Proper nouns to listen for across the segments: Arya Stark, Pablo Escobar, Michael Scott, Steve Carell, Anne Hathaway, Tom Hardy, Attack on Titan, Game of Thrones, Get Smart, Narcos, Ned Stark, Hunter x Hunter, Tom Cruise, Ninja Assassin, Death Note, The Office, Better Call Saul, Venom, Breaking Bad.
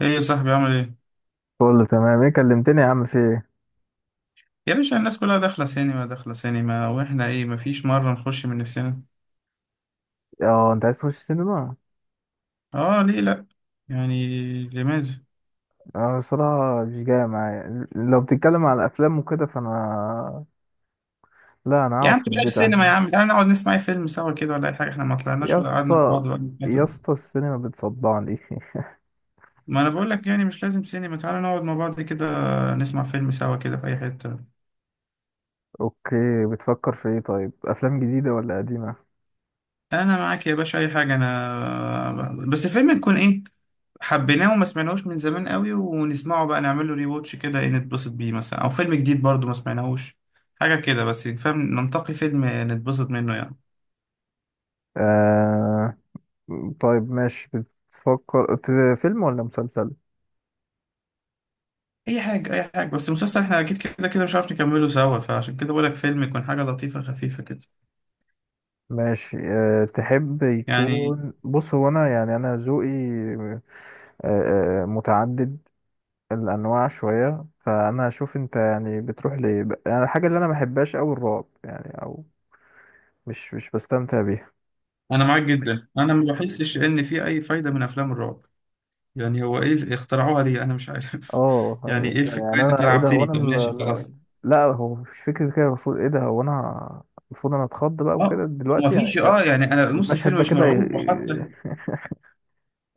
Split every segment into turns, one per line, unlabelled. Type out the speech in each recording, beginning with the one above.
ايه يا صاحبي عامل ايه؟
كله تمام. ايه كلمتني يا عم؟ في ايه؟
يا باشا الناس كلها داخله سينما، داخله سينما، واحنا ايه؟ مفيش مره نخش من نفسنا؟
اه انت عايز تخش سينما؟
اه ليه لا؟ يعني لماذا؟
اه، بصراحة مش جاية معايا. لو بتتكلم على الافلام وكده، فانا لا انا
يا
اقعد
عم
في
بلاش
البيت
سينما، يا
احسن.
عم تعالى نقعد نسمع أي فيلم سوا كده، ولا اي حاجه، احنا ما طلعناش
يا
ولا قعدنا مع
اسطى
بعض ولا
يا
فترة.
اسطى، السينما بتصدعني.
ما انا بقول لك يعني مش لازم سينما، تعالى نقعد مع بعض كده، نسمع فيلم سوا كده في اي حته.
اوكي. بتفكر في ايه؟ طيب افلام جديدة ولا قديمة؟
انا معاك يا باشا اي حاجه، انا بس الفيلم يكون ايه؟ حبيناه وما سمعناهوش من زمان قوي ونسمعه بقى، نعمله ري واتش كده، ايه نتبسط بيه مثلا، او فيلم جديد برضو ما سمعناهوش. حاجه كده بس، فاهم؟ ننتقي فيلم نتبسط منه يعني.
آه... طيب ماشي. بتفكر فيلم ولا مسلسل؟
اي حاجه اي حاجه، بس المسلسل احنا اكيد كده كده مش عارف نكمله سوا، فعشان كده بقولك فيلم يكون حاجه لطيفه خفيفه كده
ماشي. تحب
يعني.
يكون، بص هو انا، يعني انا ذوقي أه... آه، متعدد الانواع شويه. فانا هشوف انت، يعني بتروح ليه، يعني الحاجه اللي انا ما بحبهاش قوي، الرعب يعني، او مش بستمتع بيها.
انا معاك جدا، انا ما بحسش ان في اي فايده من افلام الرعب يعني. هو ايه اللي اخترعوها ليه؟ انا مش عارف
اه يعني
يعني
إيه
ايه
ده؟
الفكره؟
يعني
اللي انت
انا ايه ده، هو
لعبتني.
انا
طب ماشي خلاص
لا، هو مش فكره كده. المفروض ايه ده، هو انا المفروض انا اتخض بقى وكده
اه. ما
دلوقتي، يعني
فيش،
ده.
اه يعني انا نص
والمشهد
الفيلم
ده
مش
كده
مرعوب، وحتى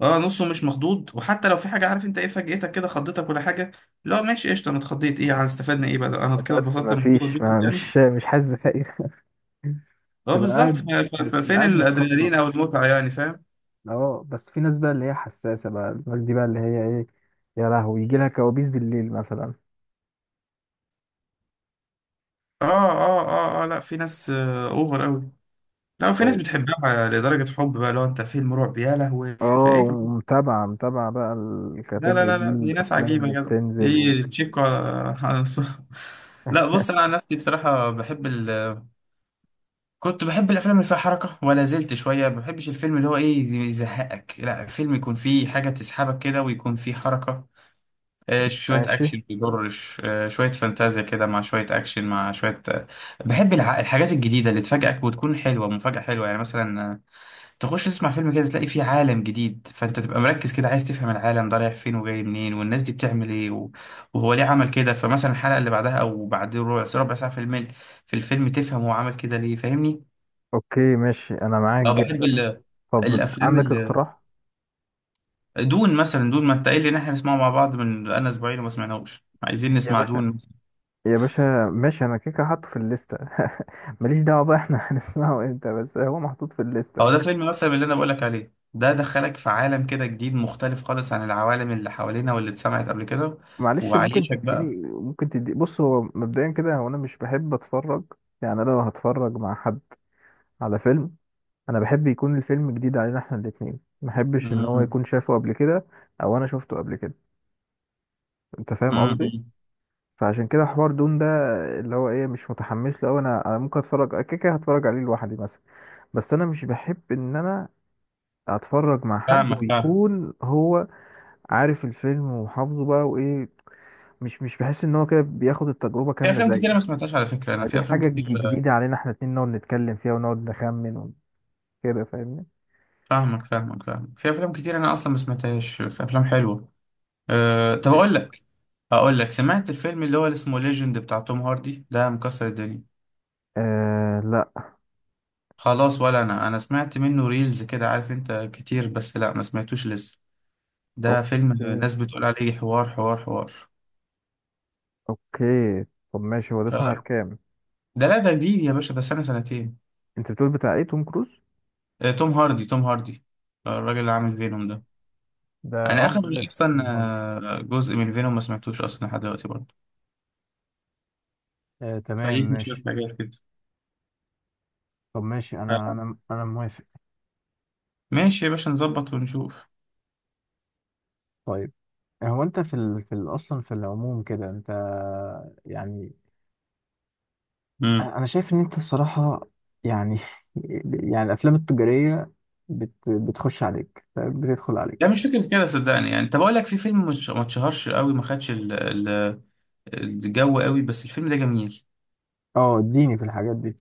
اه نصه مش مخضوض، وحتى لو في حاجه، عارف انت ايه فاجئتك كده، خضتك ولا حاجه، لا ماشي قشطه، انا اتخضيت ايه يعني؟ استفدنا ايه بقى؟ انا كده
بس
اتبسطت،
ما
المفروض
فيش، ما
اتبسط يعني.
مش حاسس بحاجه.
اه
تبقى
بالظبط،
قاعد،
ف- ف-
بتبقى
ففين
قاعد، متقدر.
الادرينالين او المتعه يعني؟ فاهم؟
اه بس في ناس بقى اللي هي حساسه، بقى الناس دي بقى اللي هي ايه، يا لهوي يجي لها كوابيس بالليل مثلا.
اه اه اه اه، لا في ناس اوفر قوي، لا وفي ناس بتحبها لدرجه حب بقى، لو انت فيلم رعب يا لهوي في
اه،
ايه كمان؟
ومتابعة متابعة بقى
لا لا
الكاتيجوري
لا
دي
لا، دي ناس
والأفلام
عجيبه يا
اللي
جدع،
بتنزل.
دي تشيكو على لا بص، انا عن نفسي بصراحه بحب، كنت بحب الافلام اللي فيها حركه ولا زلت شويه. ما بحبش الفيلم اللي هو ايه يزهقك، لا الفيلم يكون فيه حاجه تسحبك كده ويكون فيه حركه، شويه
ماشي.
اكشن بيضرش، شويه فانتازيا كده مع شويه اكشن مع شويه. بحب الحاجات الجديده اللي تفاجئك وتكون حلوه، مفاجاه حلوه يعني. مثلا تخش تسمع فيلم كده تلاقي فيه عالم جديد، فانت تبقى مركز كده عايز تفهم العالم ده رايح فين وجاي منين، والناس دي بتعمل ايه و- وهو ليه عمل كده. فمثلا الحلقه اللي بعدها او بعد ربع ربع ساعه في الفيلم تفهم هو عمل كده ليه، فاهمني؟
اوكي ماشي، انا معاك
اه بحب
جدا. طب
الافلام
عندك
ال...
اقتراح؟
دون مثلا، دون ما انت قايل لي ان احنا نسمعه مع بعض من انا اسبوعين وما سمعناهوش، عايزين
يا
نسمع
باشا،
دون.
يا باشا، ماشي. انا كيكه حاطه في الليسته. ماليش دعوه بقى احنا هنسمعه امتى، بس هو محطوط في الليسته.
او ده فيلم مثلا اللي انا بقول لك عليه، ده دخلك في عالم كده جديد مختلف خالص عن العوالم اللي حوالينا واللي اتسمعت قبل كده
معلش، ممكن
وعايشك
تديني،
بقى.
ممكن تدي، بص هو مبدئيا كده، هو انا مش بحب اتفرج، يعني انا لو هتفرج مع حد على فيلم، انا بحب يكون الفيلم جديد علينا احنا الاتنين. ما بحبش ان هو
امم
يكون شافه قبل كده، او انا شفته قبل كده. انت فاهم قصدي؟
امم.
فعشان كده حوار دون ده اللي هو ايه، مش متحمس له أوي. انا ممكن اتفرج كده كده، هتفرج عليه لوحدي مثلا. بس انا مش بحب ان انا اتفرج مع حد
فاهمك فاهم،
ويكون هو عارف الفيلم وحافظه بقى وايه، مش بحس ان هو كده بياخد التجربة
في
كاملة
افلام
زيي.
كتير ما سمعتهاش على فكره، انا في
عايزين
افلام
حاجة
كتير.
جديدة علينا احنا اتنين، نقعد نتكلم فيها ونقعد نخمن وكده، فاهمني؟
فاهمك فاهمك فاهمك، في افلام كتير انا اصلا ما سمعتهاش، في افلام حلوه. طب اقول لك، اقول لك سمعت الفيلم اللي هو اللي اسمه ليجند بتاع توم هاردي ده؟ مكسر الدنيا.
آه لا.
خلاص، ولا انا سمعت منه ريلز كده عارف انت كتير، بس لا ما سمعتوش لسه. ده فيلم
اوكي
ناس بتقول عليه حوار حوار حوار.
اوكي. طب ماشي، هو ده
ف-
سنة كام؟
ده لا ده جديد يا باشا، ده سنة سنتين.
انت بتقول بتاع ايه، توم كروز؟
توم هاردي، توم هاردي، الراجل اللي عامل فينوم ده.
ده
انا
اه،
اخر
عارف
اصلا
توم هاردي.
جزء من فينوم ما سمعتوش اصلا لحد دلوقتي برضه،
آه تمام
فايتني شوية
ماشي.
حاجات كده.
طب ماشي، انا
ف-
انا انا موافق.
ماشي يا باشا، نظبط ونشوف.
طيب، هو انت في اصلا في العموم كده، انت يعني،
امم،
أنا شايف ان انت الصراحة يعني يعني الافلام التجارية بتخش عليك، بتدخل
لا
عليك.
مش فكرة كده صدقني. يعني طب اقول لك، في فيلم ما اتشهرش قوي، ما خدش ال- الجو قوي، بس الفيلم ده جميل.
اه، اديني في الحاجات دي.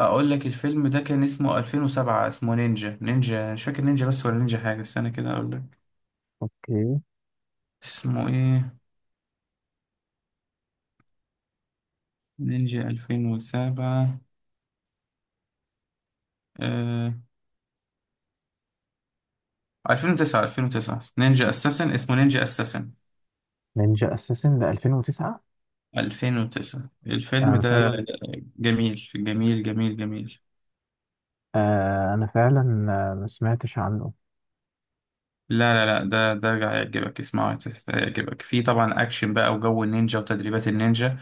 اقول لك، الفيلم ده كان اسمه 2007، اسمه نينجا، نينجا مش فاكر نينجا بس ولا نينجا حاجة، استنى كده اقول لك
اوكي.
اسمه ايه. نينجا 2007، آه... 2009، 2009 نينجا اساسن، اسمه نينجا اساسن.
نينجا اساسن ده 2009؟
2009 الفيلم
انا
ده.
فعلا،
جميل جميل جميل جميل.
آه انا فعلا آه، ما سمعتش عنه.
لا لا لا، ده هيعجبك، اسمعه هيعجبك. في طبعا اكشن بقى، وجو النينجا وتدريبات النينجا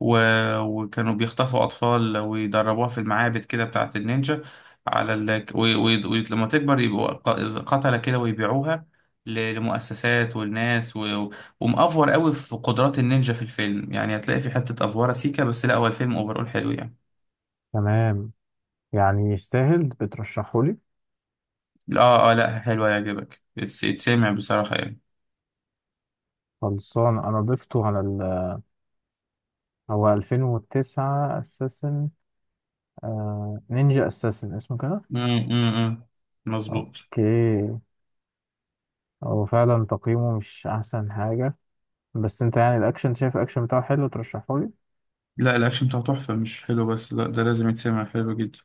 و... وكانوا بيخطفوا اطفال ويدربوها في المعابد كده بتاعه النينجا، على ولما تكبر يبقوا قتلة كده ويبيعوها لمؤسسات والناس ومأفور قوي في قدرات النينجا في الفيلم، يعني هتلاقي في حتة افوره سيكا، بس لا هو الفيلم اوفرول حلو يعني.
تمام، يعني يستاهل؟ بترشحه لي؟
اه اه، لا حلو هيعجبك، يتسمع بصراحة يعني.
خلصان، انا ضفته على. هو 2009 اساسن، نينجا اساسن اسمه كده.
امم، مظبوط.
اوكي. هو فعلا تقييمه مش احسن حاجة، بس انت يعني الاكشن، أنت شايف الاكشن بتاعه حلو، ترشحه لي.
لا الاكشن بتاعه تحفه، مش حلو بس، لا ده لازم يتسمع، حلو جدا،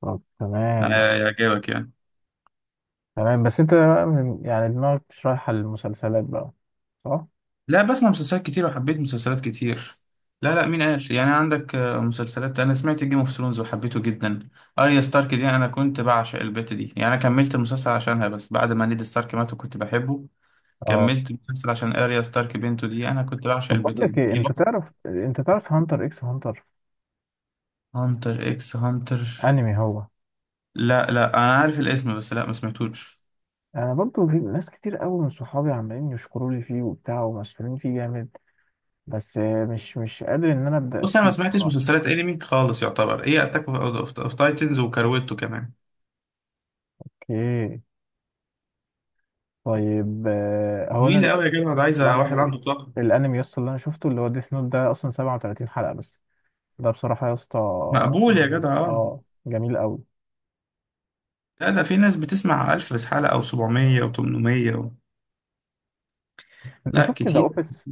طب تمام.
انا يعجبك يعني.
تمام، بس انت بقى من يعني دماغك مش رايحة للمسلسلات بقى، صح؟
لا بسمع مسلسلات كتير وحبيت مسلسلات كتير، لا لا مين قال؟ يعني عندك مسلسلات، انا سمعت جيم اوف ثرونز وحبيته جدا، اريا ستارك دي انا كنت بعشق البت دي يعني، انا كملت المسلسل عشانها. بس بعد ما نيد ستارك مات وكنت بحبه،
اه.
كملت المسلسل عشان اريا ستارك بنته دي، انا كنت بعشق
طب بقول
البت دي،
لك ايه،
دي
انت
بطل.
تعرف، انت تعرف هانتر اكس هانتر؟
هانتر اكس هانتر؟
انمي هو.
لا لا انا عارف الاسم بس لا ما سمعتوش.
انا برضو في ناس كتير قوي من صحابي عمالين يشكروا لي فيه وبتاع ومسحولين فيه جامد، بس مش قادر ان انا ابدا
بص انا ما
فيه
سمعتش
بصراحة.
مسلسلات انمي خالص، يعتبر ايه اتاك اوف تايتنز وكارويتو كمان.
اوكي. طيب آه، هو انا
طويله قوي يا جدع، ده عايزه واحد
الانمي،
عنده طاقه.
الانمي يسطا اللي انا شفته اللي هو ديس نوت ده، اصلا 37 حلقة بس. ده بصراحة يا اسطى،
مقبول يا
جميل
جدع اه.
اه، جميل قوي.
لا ده في ناس بتسمع 1000 حلقه او 700 و800
انت
لا
شفت ذا
كتير.
اوفيس؟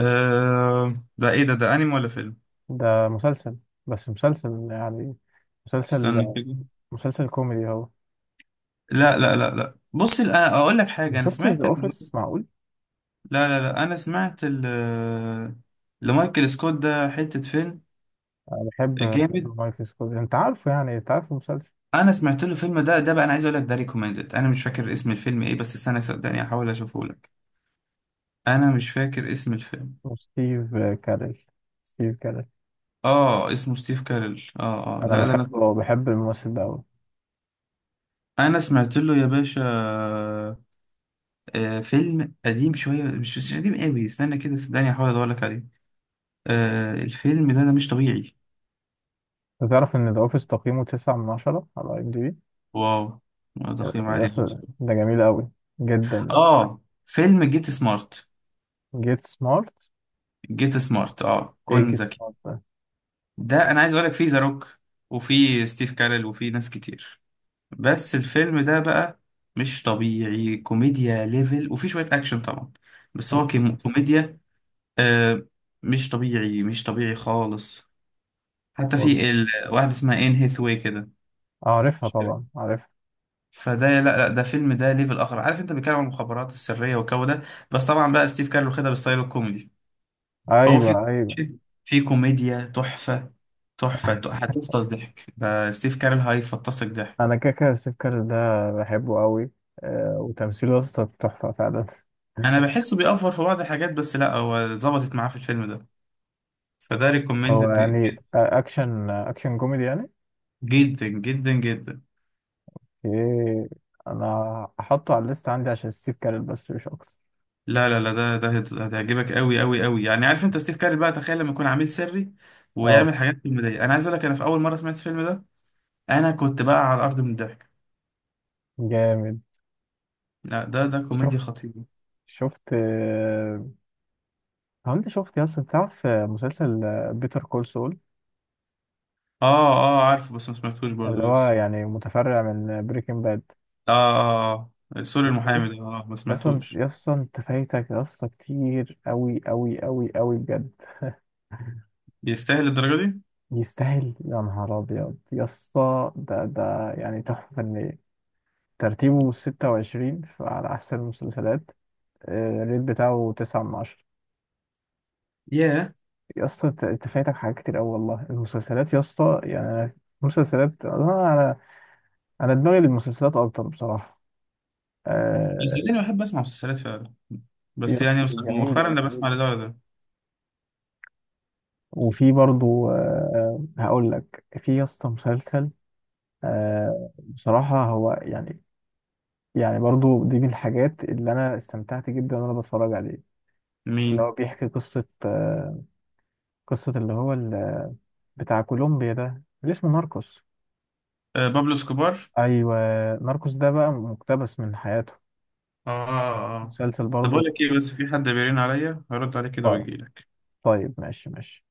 ده ايه ده؟ ده انمي ولا فيلم؟
ده مسلسل، بس مسلسل يعني، مسلسل،
استنى كده.
مسلسل كوميدي اهو.
لا لا لا لا بص، انا اقول لك
ما
حاجه، انا
شفتش ذا
سمعت
اوفيس؟ معقول!
لا لا لا انا سمعت ال... آه، لمايكل سكوت ده حته فيلم
انا بحب،
جامد،
بحب مايكل سكول، انت عارفه، يعني انت عارف المسلسل.
انا سمعت له فيلم، ده ده بقى انا عايز اقول لك، ده ريكومندد، انا مش فاكر اسم الفيلم ايه بس استنى صدقني احاول اشوفه لك، انا مش فاكر اسم الفيلم.
وستيف كاريل، ستيف كاريل،
اه اسمه ستيف كارل، اه اه
انا
لا ده انا،
بحبه، بحب الممثل ده قوي.
انا سمعت له يا باشا، آه فيلم قديم شويه، مش قديم قوي، استنى كده صدقني احاول ادور لك عليه. آه الفيلم ده، ده مش طبيعي.
تعرف ان ذا اوفيس تقييمه 9 من 10 على IMDb؟
واو، تقييم
يا
عالي أوي
اسطى
بصراحة.
ده جميل قوي جدا.
اه فيلم جيت سمارت.
جيت سمارت،
جيت سمارت اه،
ايه
كن
جيت
ذكي.
سمارت ده؟
ده انا عايز اقول لك، فيه ذا روك وفي ستيف كارل وفي ناس كتير، بس الفيلم ده بقى مش طبيعي، كوميديا ليفل، وفي شوية أكشن طبعا، بس هو كوميديا آه، مش طبيعي، مش طبيعي خالص. حتى
والله
في واحدة اسمها إن هيثواي كده،
اعرفها،
مش
طبعا
عارف.
عارفها.
فده، لا لا ده فيلم، ده ليفل آخر عارف أنت، بيتكلم عن المخابرات السرية والجو ده، بس طبعا بقى ستيف كارل واخدها بستايله الكوميدي. فهو في،
ايوه ايوه.
في كوميديا تحفة، تحفة، هتفطس ضحك، ده ستيف كارل هيفطسك ضحك.
انا كاكا السكر ده، بحبه قوي. آه، وتمثيله يا اسطى تحفه فعلا.
أنا بحسه بيأفور في بعض الحاجات، بس لا هو ظبطت معاه في الفيلم ده، فده
هو
ريكومندد
يعني آه، اكشن، اكشن كوميدي يعني؟
جدا جدا جدا.
ايه، انا هحطه على الليست عندي عشان ستيف كارل، بس مش اكتر.
لا لا لا، ده هتعجبك قوي قوي قوي يعني، عارف انت ستيف كاري بقى، تخيل لما يكون عميل سري
اه
ويعمل حاجات كوميديه، انا عايز اقول لك، انا في اول مره سمعت الفيلم ده انا كنت بقى على الارض من الضحك.
جامد.
لا ده ده كوميديا
شفت،
خطيره.
شفت آه، هو انت شفت يا اسطى، تعرف آه، مسلسل بيتر كول سول؟
اه اه عارفه، بس ما سمعتوش برضه
اللي هو
لسه.
يعني متفرع من بريكنج باد.
اه اه آه. سوري
ما
المحامي
تحبش،
ده اه ما
اصلا،
سمعتوش.
اصلا انت فايتك اصلا كتير قوي قوي قوي قوي بجد.
يستاهل الدرجه دي؟
يستاهل يا نهار ابيض، يا اسطى ده، ده يعني تحفه فنيه. ترتيبه 26 على احسن المسلسلات. آه، الريت بتاعه 9 من 10.
ياه.
يا اسطى انت، أنت فايتك حاجات كتير قوي والله. المسلسلات يا اسطى يعني، مسلسلات، انا انا أنا دماغي للمسلسلات اكتر بصراحه. مم.
بس
آه،
انا بحب اسمع مسلسلات فعلا،
يا
بس
اسطى
يعني
جميله
مؤخرا انا بسمع
جميله.
لده ولا ده.
وفي برضو آه، هقول لك، في يا اسطى مسلسل آه، بصراحة هو يعني، يعني برضو دي من الحاجات اللي أنا استمتعت جدا وأنا بتفرج عليه. اللي هو
مين؟
بيحكي قصة آه، قصة اللي هو بتاع كولومبيا ده اللي اسمه ناركوس.
آه بابلو سكوبار.
أيوة. ناركوس ده بقى مقتبس من حياته.
اه اه اه.
مسلسل
طب اقول
برضو.
لك ايه، بس في حد بيرن عليا، هرد عليه كده
آه،
واجي لك.
طيب ماشي ماشي.